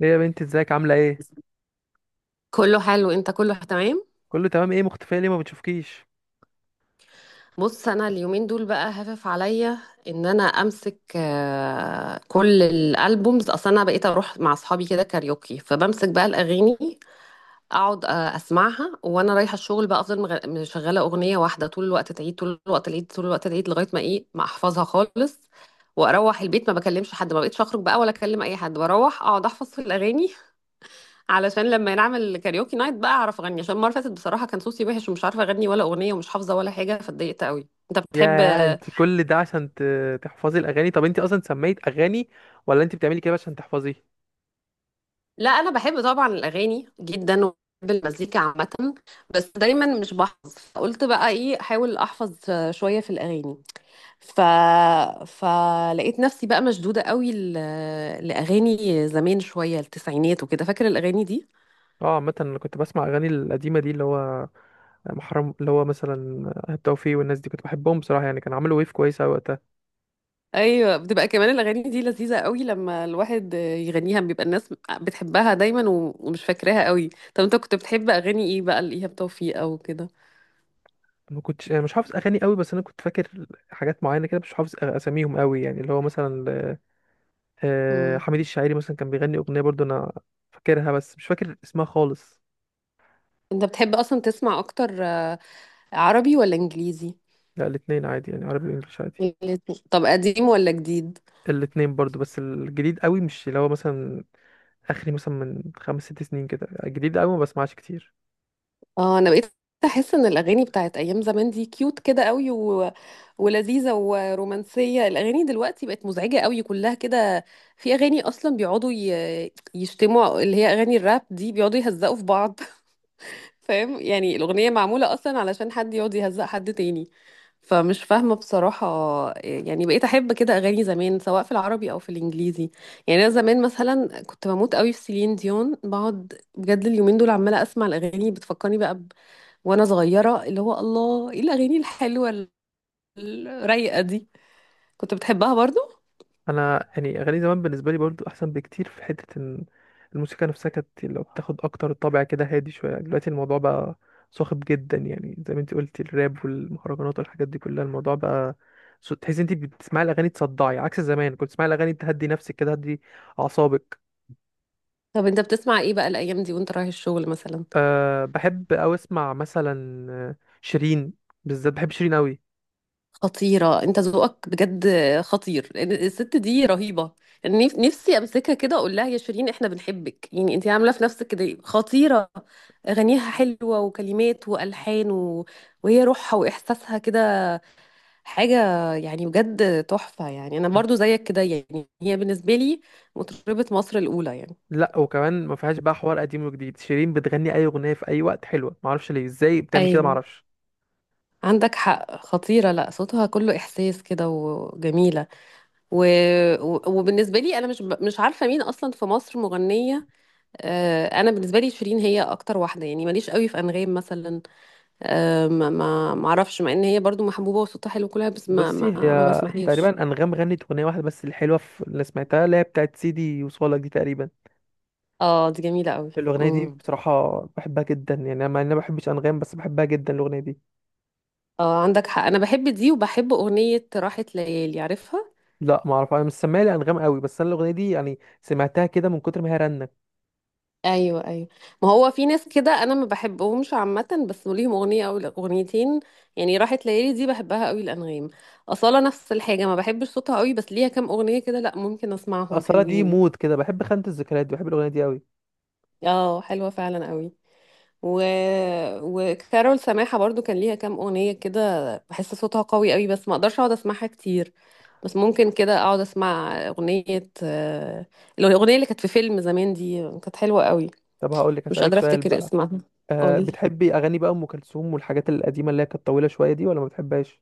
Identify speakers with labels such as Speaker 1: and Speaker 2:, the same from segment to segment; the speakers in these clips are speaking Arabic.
Speaker 1: ليه يا بنتي ازيك عاملة ايه؟
Speaker 2: كله حلو انت، كله تمام.
Speaker 1: كله تمام ايه مختفية ليه ما بتشوفكيش؟
Speaker 2: بص انا اليومين دول بقى هفف عليا ان انا امسك، كل الالبومز. اصلا انا بقيت اروح مع اصحابي كده كاريوكي، فبمسك بقى الاغاني اقعد اسمعها وانا رايحه الشغل. بقى افضل مشغله اغنيه واحده طول الوقت، تعيد طول الوقت العيد طول الوقت العيد، لغايه ما ايه ما احفظها خالص. واروح البيت ما بكلمش حد، ما بقيتش اخرج بقى ولا اكلم اي حد، بروح اقعد احفظ في الاغاني، علشان لما نعمل كاريوكي نايت بقى اعرف اغني. عشان المره اللي فاتت بصراحه كان صوتي وحش، ومش عارفه اغني ولا اغنيه، ومش حافظه ولا حاجه، فاتضايقت قوي. انت بتحب؟
Speaker 1: يا انت كل ده عشان تحفظي الأغاني؟ طب انت أصلا سميت أغاني ولا انت بتعملي كده عشان تحفظي؟
Speaker 2: لا انا بحب طبعا الاغاني جدا، وبحب المزيكا عامه، بس دايما مش بحفظ، فقلت بقى ايه احاول احفظ شويه في الاغاني. ف فلقيت نفسي بقى مشدوده قوي لاغاني زمان شويه، التسعينات وكده. فاكر الاغاني دي؟
Speaker 1: اه عامة انا كنت بسمع أغاني القديمة دي، اللي هو محرم، اللي هو مثلا التوفيق والناس دي، كنت بحبهم بصراحه. يعني كان عملوا ويف كويسه أوي وقتها.
Speaker 2: ايوه، بتبقى كمان الاغاني دي لذيذه قوي، لما الواحد يغنيها بيبقى الناس بتحبها دايما ومش فاكراها قوي. طب انت كنت بتحب اغاني ايه بقى، لايهاب توفيق او كده؟
Speaker 1: ما كنتش أنا مش حافظ اغاني قوي، بس انا كنت فاكر حاجات معينه كده، مش حافظ اساميهم قوي، يعني اللي هو مثلا
Speaker 2: امم
Speaker 1: حميد الشاعري مثلا كان بيغني اغنيه برضو، انا فاكرها بس مش فاكر اسمها خالص.
Speaker 2: انت بتحب اصلا تسمع اكتر، عربي ولا انجليزي؟
Speaker 1: لا الاثنين عادي، يعني عربي وانجلش عادي.
Speaker 2: الاتنين. طب قديم ولا جديد؟
Speaker 1: الاثنين برضو، بس الجديد قوي مش، اللي هو مثلا اخري مثلا من خمس ست سنين كده، الجديد قوي ما بسمعش كتير.
Speaker 2: اه انا بقيت احس ان الاغاني بتاعت ايام زمان دي كيوت كده قوي ولذيذه ورومانسيه. الاغاني دلوقتي بقت مزعجه قوي كلها كده. في اغاني اصلا بيقعدوا يشتموا، اللي هي اغاني الراب دي بيقعدوا يهزقوا في بعض فاهم يعني الاغنيه معموله اصلا علشان حد يقعد يهزق حد تاني، فمش فاهمه بصراحه. يعني بقيت احب كده اغاني زمان، سواء في العربي او في الانجليزي. يعني انا زمان مثلا كنت بموت قوي في سيلين ديون، بقعد بجد اليومين دول عماله اسمع الاغاني بتفكرني بقى وانا صغيره. اللي هو الله، ايه الاغاني الحلوه الرايقه دي! كنت بتحبها برضو؟
Speaker 1: انا يعني اغاني زمان بالنسبه لي برضو احسن بكتير، في حته ان الموسيقى نفسها كانت لو بتاخد اكتر طابع كده هادي شويه. دلوقتي الموضوع بقى صاخب جدا، يعني زي ما انت قلتي الراب والمهرجانات والحاجات دي كلها، الموضوع بقى تحسي انت بتسمعي الاغاني تصدعي، عكس زمان كنت تسمعي الاغاني تهدي نفسك كده، تهدي اعصابك.
Speaker 2: طب انت بتسمع ايه بقى الايام دي وانت رايح الشغل مثلا؟
Speaker 1: أه بحب او اسمع مثلا شيرين، بالذات بحب شيرين قوي.
Speaker 2: خطيره، انت ذوقك بجد خطير، لأن الست دي رهيبه. يعني نفسي امسكها كده اقول لها يا شيرين احنا بنحبك، يعني انت عامله في نفسك كده إيه؟ خطيره. اغانيها حلوه، وكلمات، والحان، وهي روحها واحساسها كده حاجه، يعني بجد تحفه. يعني انا برضو زيك كده، يعني هي بالنسبه لي مطربه مصر الاولى يعني.
Speaker 1: لا وكمان ما فيهاش بقى حوار قديم وجديد، شيرين بتغني اي اغنيه في اي وقت حلوه، ما اعرفش ليه، ازاي بتعمل كده ما
Speaker 2: ايوه
Speaker 1: اعرفش.
Speaker 2: عندك حق، خطيرة. لا صوتها كله إحساس كده وجميلة، و... وبالنسبة لي أنا مش عارفة مين أصلا في مصر مغنية. أنا بالنسبة لي شيرين هي أكتر واحدة، يعني ماليش قوي في أنغام مثلا، ما أعرفش، مع إن هي برضو محبوبة وصوتها حلو كلها، بس
Speaker 1: بصي
Speaker 2: ما
Speaker 1: هي
Speaker 2: بسمعهاش.
Speaker 1: تقريبا انغام غنت اغنيه واحده بس الحلوه في اللي سمعتها، اللي هي بتاعت سيدي وصالك دي تقريبا.
Speaker 2: اه دي جميلة قوي.
Speaker 1: الاغنيه دي بصراحه بحبها جدا، يعني انا مع اني ما بحبش انغام بس بحبها جدا الاغنيه دي.
Speaker 2: اه عندك حق أنا بحب دي، وبحب أغنية راحت ليالي، عارفها؟
Speaker 1: لا ما اعرف، انا مش سامعها لانغام قوي، بس انا الاغنيه دي يعني سمعتها كده من كتر ما هي رنه.
Speaker 2: ايوه ايوه. ما هو في ناس كده انا ما بحبهمش عامه، بس ليهم اغنيه او اغنيتين. يعني راحت ليالي دي بحبها قوي الانغام. اصاله نفس الحاجه، ما بحبش صوتها قوي، بس ليها كام اغنيه كده، لا ممكن اسمعهم
Speaker 1: اصلا دي
Speaker 2: حلوين.
Speaker 1: مود كده، بحب خانه الذكريات دي، بحب الاغنيه دي قوي.
Speaker 2: اه حلوه فعلا قوي. و... وكارول سماحه برضو كان ليها كام اغنيه كده، بحس صوتها قوي قوي بس ما اقدرش اقعد اسمعها كتير. بس ممكن كده اقعد اسمع اغنيه، الاغنيه اللي كانت في فيلم زمان دي كانت حلوه قوي.
Speaker 1: طب هقول لك
Speaker 2: مش
Speaker 1: اسالك
Speaker 2: قادره
Speaker 1: سؤال
Speaker 2: افتكر
Speaker 1: بقى،
Speaker 2: اسمها.
Speaker 1: أه
Speaker 2: قولي.
Speaker 1: بتحبي اغاني بقى ام كلثوم والحاجات القديمه اللي هي كانت طويله شويه دي، ولا ما بتحبهاش؟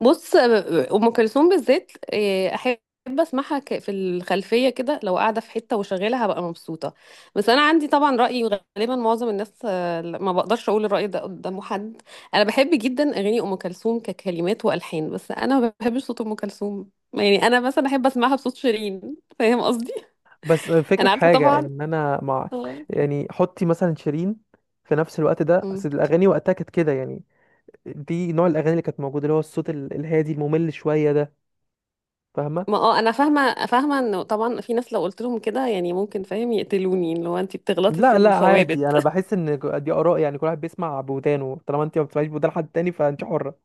Speaker 2: بص ام كلثوم بالذات إيه، احب اسمعها في الخلفيه كده، لو قاعده في حته وشغاله هبقى مبسوطه. بس انا عندي طبعا راي غالبا معظم الناس، ما بقدرش اقول الراي ده قدام حد. انا بحب جدا اغاني ام كلثوم ككلمات والحان، بس انا ما بحبش صوت ام كلثوم. يعني انا مثلا احب اسمعها بصوت شيرين، فاهم قصدي؟
Speaker 1: بس الفكرة
Speaker 2: انا
Speaker 1: في
Speaker 2: عارفه
Speaker 1: حاجة
Speaker 2: طبعا.
Speaker 1: ان انا مع،
Speaker 2: آه.
Speaker 1: يعني حطي مثلا شيرين في نفس الوقت ده،
Speaker 2: مم.
Speaker 1: اصل الاغاني وقتها كانت كده يعني، دي نوع الاغاني اللي كانت موجودة، اللي هو الصوت الهادي الممل شوية ده، فاهمة؟
Speaker 2: ما اه انا فاهمه فاهمه انه طبعا في ناس لو قلت لهم كده يعني ممكن فاهم يقتلوني، اللي هو انت بتغلطي في
Speaker 1: لا لا
Speaker 2: الثوابت.
Speaker 1: عادي، انا بحس ان دي اراء، يعني كل واحد بيسمع بودانه، طالما انت ما بتسمعيش بودان حد تاني فانت حرة.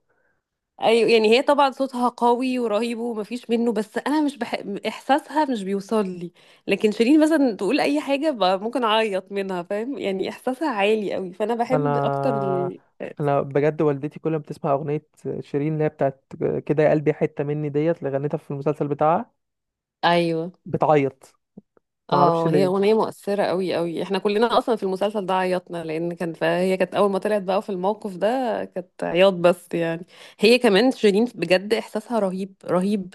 Speaker 2: ايوه، يعني هي طبعا صوتها قوي ورهيب ومفيش منه، بس انا مش بح... احساسها مش بيوصل لي. لكن شيرين مثلا تقول اي حاجه ممكن اعيط منها، فاهم يعني احساسها عالي قوي، فانا
Speaker 1: انا
Speaker 2: بحب اكتر
Speaker 1: انا بجد والدتي كل ما بتسمع اغنية شيرين اللي هي بتاعت كده، يا قلبي حتة مني ديت، اللي غنتها في المسلسل بتاعها،
Speaker 2: ايوه.
Speaker 1: بتعيط. ما اعرفش
Speaker 2: اه هي
Speaker 1: ليه.
Speaker 2: اغنيه مؤثره قوي قوي، احنا كلنا اصلا في المسلسل ده عيطنا، لان كان فهي كانت اول ما طلعت بقى في الموقف ده كانت عياط بس يعني. هي كمان شيرين بجد احساسها رهيب رهيب،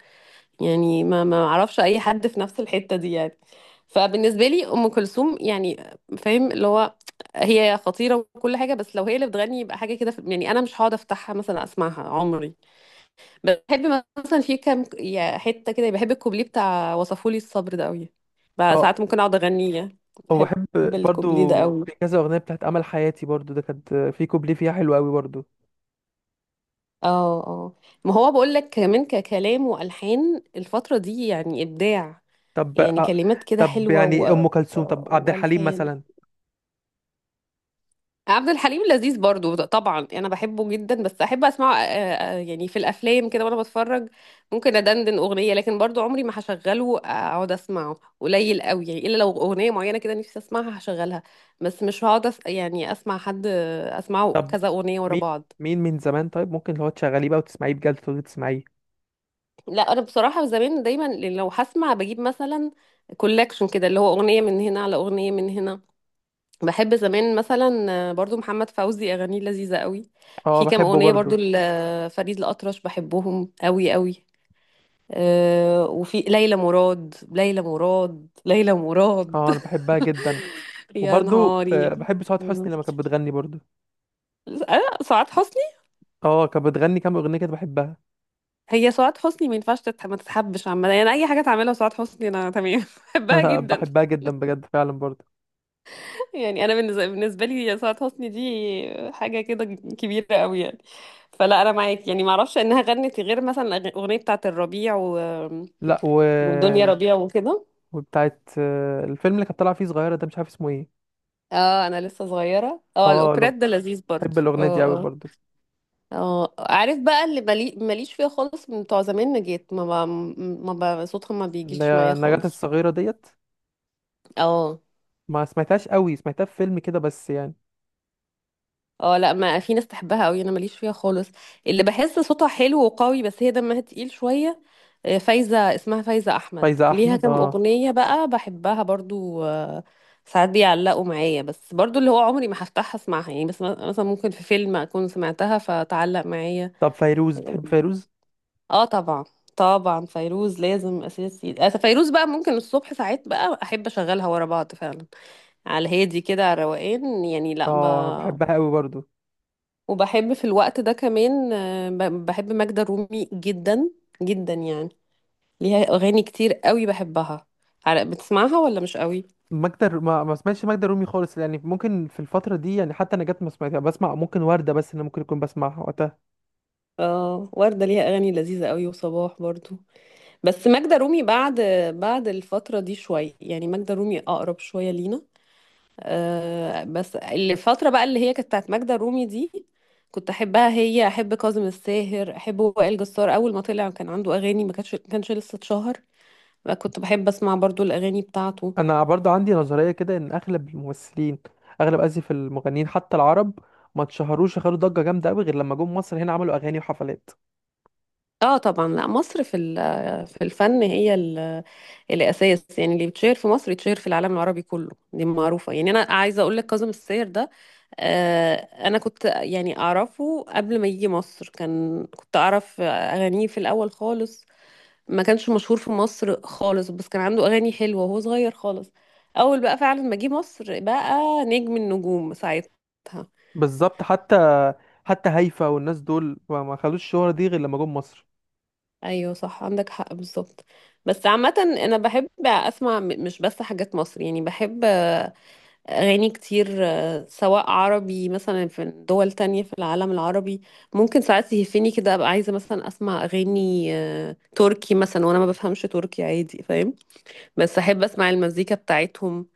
Speaker 2: يعني ما اعرفش اي حد في نفس الحتة دي يعني. فبالنسبة لي ام كلثوم يعني، فاهم اللي هو هي خطيرة وكل حاجة، بس لو هي اللي بتغني يبقى حاجة كده يعني انا مش هقعد افتحها مثلا اسمعها عمري. بحب مثلا في كام يا حتة كده، بحب الكوبليه بتاع وصفولي الصبر ده قوي، بقى
Speaker 1: آه.
Speaker 2: ساعات ممكن اقعد اغنيه. بحب
Speaker 1: وبحب برضو
Speaker 2: الكوبليه ده قوي.
Speaker 1: في كذا اغنيه، بتاعت امل حياتي برضو ده كانت في كوبليه فيها حلو قوي برضو.
Speaker 2: اه اه. ما هو بقول لك كمان ككلام والحان الفترة دي يعني ابداع،
Speaker 1: طب
Speaker 2: يعني كلمات كده
Speaker 1: طب
Speaker 2: حلوة و...
Speaker 1: يعني ام كلثوم،
Speaker 2: آه،
Speaker 1: طب عبد الحليم
Speaker 2: والحان.
Speaker 1: مثلا؟
Speaker 2: عبد الحليم لذيذ برضو طبعا، انا بحبه جدا، بس احب اسمعه، يعني في الافلام كده وانا بتفرج. ممكن ادندن اغنيه، لكن برضو عمري ما هشغله اقعد اسمعه، قليل قوي يعني، الا لو اغنيه معينه كده نفسي اسمعها هشغلها. بس مش هقعد يعني اسمع حد، اسمعه
Speaker 1: طب
Speaker 2: كذا اغنيه ورا
Speaker 1: مين
Speaker 2: بعض.
Speaker 1: مين من زمان طيب ممكن اللي هو تشغليه بقى وتسمعيه بجد تقعدي تسمعيه؟
Speaker 2: لا انا بصراحه زمان دايما لو هسمع بجيب مثلا كولكشن كده، اللي هو اغنيه من هنا على اغنيه من هنا. بحب زمان مثلا، برضو محمد فوزي اغانيه لذيذه قوي.
Speaker 1: اه
Speaker 2: في كام
Speaker 1: بحبه
Speaker 2: اغنيه برضو
Speaker 1: برضو.
Speaker 2: لفريد الاطرش بحبهم قوي قوي. أه وفي ليلى مراد، ليلى مراد ليلى مراد
Speaker 1: اه انا بحبها جدا.
Speaker 2: يا
Speaker 1: وبرضو
Speaker 2: نهاري.
Speaker 1: بحب سعاد
Speaker 2: مم.
Speaker 1: حسني لما كانت بتغني برضو.
Speaker 2: أه سعاد حسني.
Speaker 1: اه كانت بتغني كام اغنيه كده بحبها.
Speaker 2: هي سعاد حسني ما ينفعش ما تتحبش عامه، يعني اي حاجه تعملها سعاد حسني انا تمام بحبها جدا.
Speaker 1: بحبها جدا بجد فعلا برضو.
Speaker 2: يعني انا بالنسبه لي سعاد حسني دي حاجه كده كبيره قوي يعني. فلا انا معاك، يعني ما اعرفش انها غنت غير مثلا الاغنيه بتاعه الربيع
Speaker 1: لا و...
Speaker 2: والدنيا ربيع وكده.
Speaker 1: وبتاعت الفيلم اللي كانت طالعه فيه صغيره ده، مش عارف اسمه ايه.
Speaker 2: اه انا لسه صغيره، اه
Speaker 1: اه
Speaker 2: الاوبريت
Speaker 1: لو،
Speaker 2: ده لذيذ برضه.
Speaker 1: بحب الاغنيه دي قوي
Speaker 2: اه اه.
Speaker 1: برضو.
Speaker 2: اه عارف بقى اللي ماليش فيها خالص من بتوع زمان، نجيت ما ب... ما ب... صوتها ما
Speaker 1: اللي
Speaker 2: بيجيش
Speaker 1: هي
Speaker 2: معايا
Speaker 1: النجاة
Speaker 2: خالص.
Speaker 1: الصغيرة ديت،
Speaker 2: اه.
Speaker 1: ما سمعتهاش قوي، سمعتها في فيلم كده بس يعني.
Speaker 2: اه لا، ما في ناس تحبها قوي، انا ماليش فيها خالص. اللي بحس صوتها حلو وقوي بس هي دمها تقيل شويه، فايزة، اسمها فايزة أحمد،
Speaker 1: فايزة
Speaker 2: ليها
Speaker 1: أحمد
Speaker 2: كام
Speaker 1: اه.
Speaker 2: أغنية بقى بحبها برضو. ساعات بيعلقوا معايا، بس برضو اللي هو عمري ما هفتحها اسمعها يعني، بس مثلا ممكن في فيلم أكون سمعتها فتعلق معايا.
Speaker 1: طب فيروز، بتحب فيروز؟
Speaker 2: اه طبعا. طبعا فيروز لازم أساسي. فيروز بقى ممكن الصبح ساعات بقى أحب أشغلها ورا بعض فعلا، على الهادي كده، على الروقان يعني.
Speaker 1: اه بحبها قوي برضو.
Speaker 2: وبحب في الوقت ده كمان، بحب ماجدة الرومي جدا جدا يعني، ليها اغاني كتير قوي بحبها. بتسمعها ولا مش قوي؟
Speaker 1: ما سمعتش ماجدة الرومي خالص يعني، ممكن في الفترة دي يعني، حتى نجاة ما سمعتها، بسمع ممكن وردة، بس اللي ممكن يكون بسمعها وقتها.
Speaker 2: اه وردة ليها اغاني لذيذة قوي، وصباح برضو. بس ماجدة رومي بعد، بعد الفترة دي شوية، يعني ماجدة رومي اقرب شوية لينا. آه بس الفترة بقى اللي هي كانت بتاعت ماجدة رومي دي كنت احبها، هي احب كاظم الساهر، احب وائل جسار اول ما طلع كان عنده اغاني، ما كانش لسه اتشهر، كنت بحب اسمع برضو الاغاني بتاعته.
Speaker 1: أنا برضو عندي نظرية كده إن أغلب الممثلين، أغلب آسف المغنيين حتى العرب، ما اتشهروش، خدوا ضجة جامدة قوي غير لما جم مصر هنا، عملوا أغاني وحفلات.
Speaker 2: اه طبعا، لا مصر في الفن هي الاساس يعني، اللي بيتشهر في مصر يتشهر في العالم العربي كله، دي معروفه. يعني انا عايزه اقول لك كاظم الساير ده، آه انا كنت يعني اعرفه قبل ما يجي مصر، كان كنت اعرف اغانيه في الاول خالص، ما كانش مشهور في مصر خالص، بس كان عنده اغاني حلوه وهو صغير خالص. اول بقى فعلا ما جه مصر بقى نجم النجوم ساعتها.
Speaker 1: بالظبط، حتى حتى هيفا والناس دول ما خدوش الشهرة دي غير لما جم مصر.
Speaker 2: ايوه صح عندك حق بالظبط. بس عامه انا بحب اسمع مش بس حاجات مصر، يعني بحب أغاني كتير، سواء عربي مثلا في دول تانية في العالم العربي. ممكن ساعات يهفني كده أبقى عايزة مثلا أسمع أغاني، تركي مثلا وأنا ما بفهمش تركي عادي فاهم، بس أحب أسمع المزيكا بتاعتهم.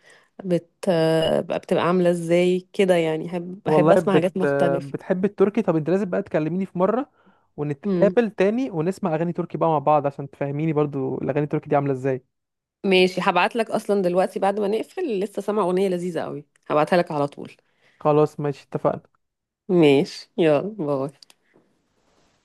Speaker 2: بت... آه، بقى بتبقى عاملة إزاي كده يعني،
Speaker 1: والله
Speaker 2: أحب أسمع
Speaker 1: بت...،
Speaker 2: حاجات مختلفة.
Speaker 1: بتحب التركي؟ طب انت لازم بقى تكلميني في مرة
Speaker 2: مم.
Speaker 1: ونتقابل تاني ونسمع اغاني تركي بقى مع بعض، عشان تفهميني برضو الاغاني التركي دي عاملة ازاي.
Speaker 2: ماشي هبعت لك، أصلا دلوقتي بعد ما نقفل لسه سامعة أغنية لذيذة قوي، هبعتها لك على طول.
Speaker 1: خلاص ماشي، اتفقنا.
Speaker 2: ماشي يلا باي.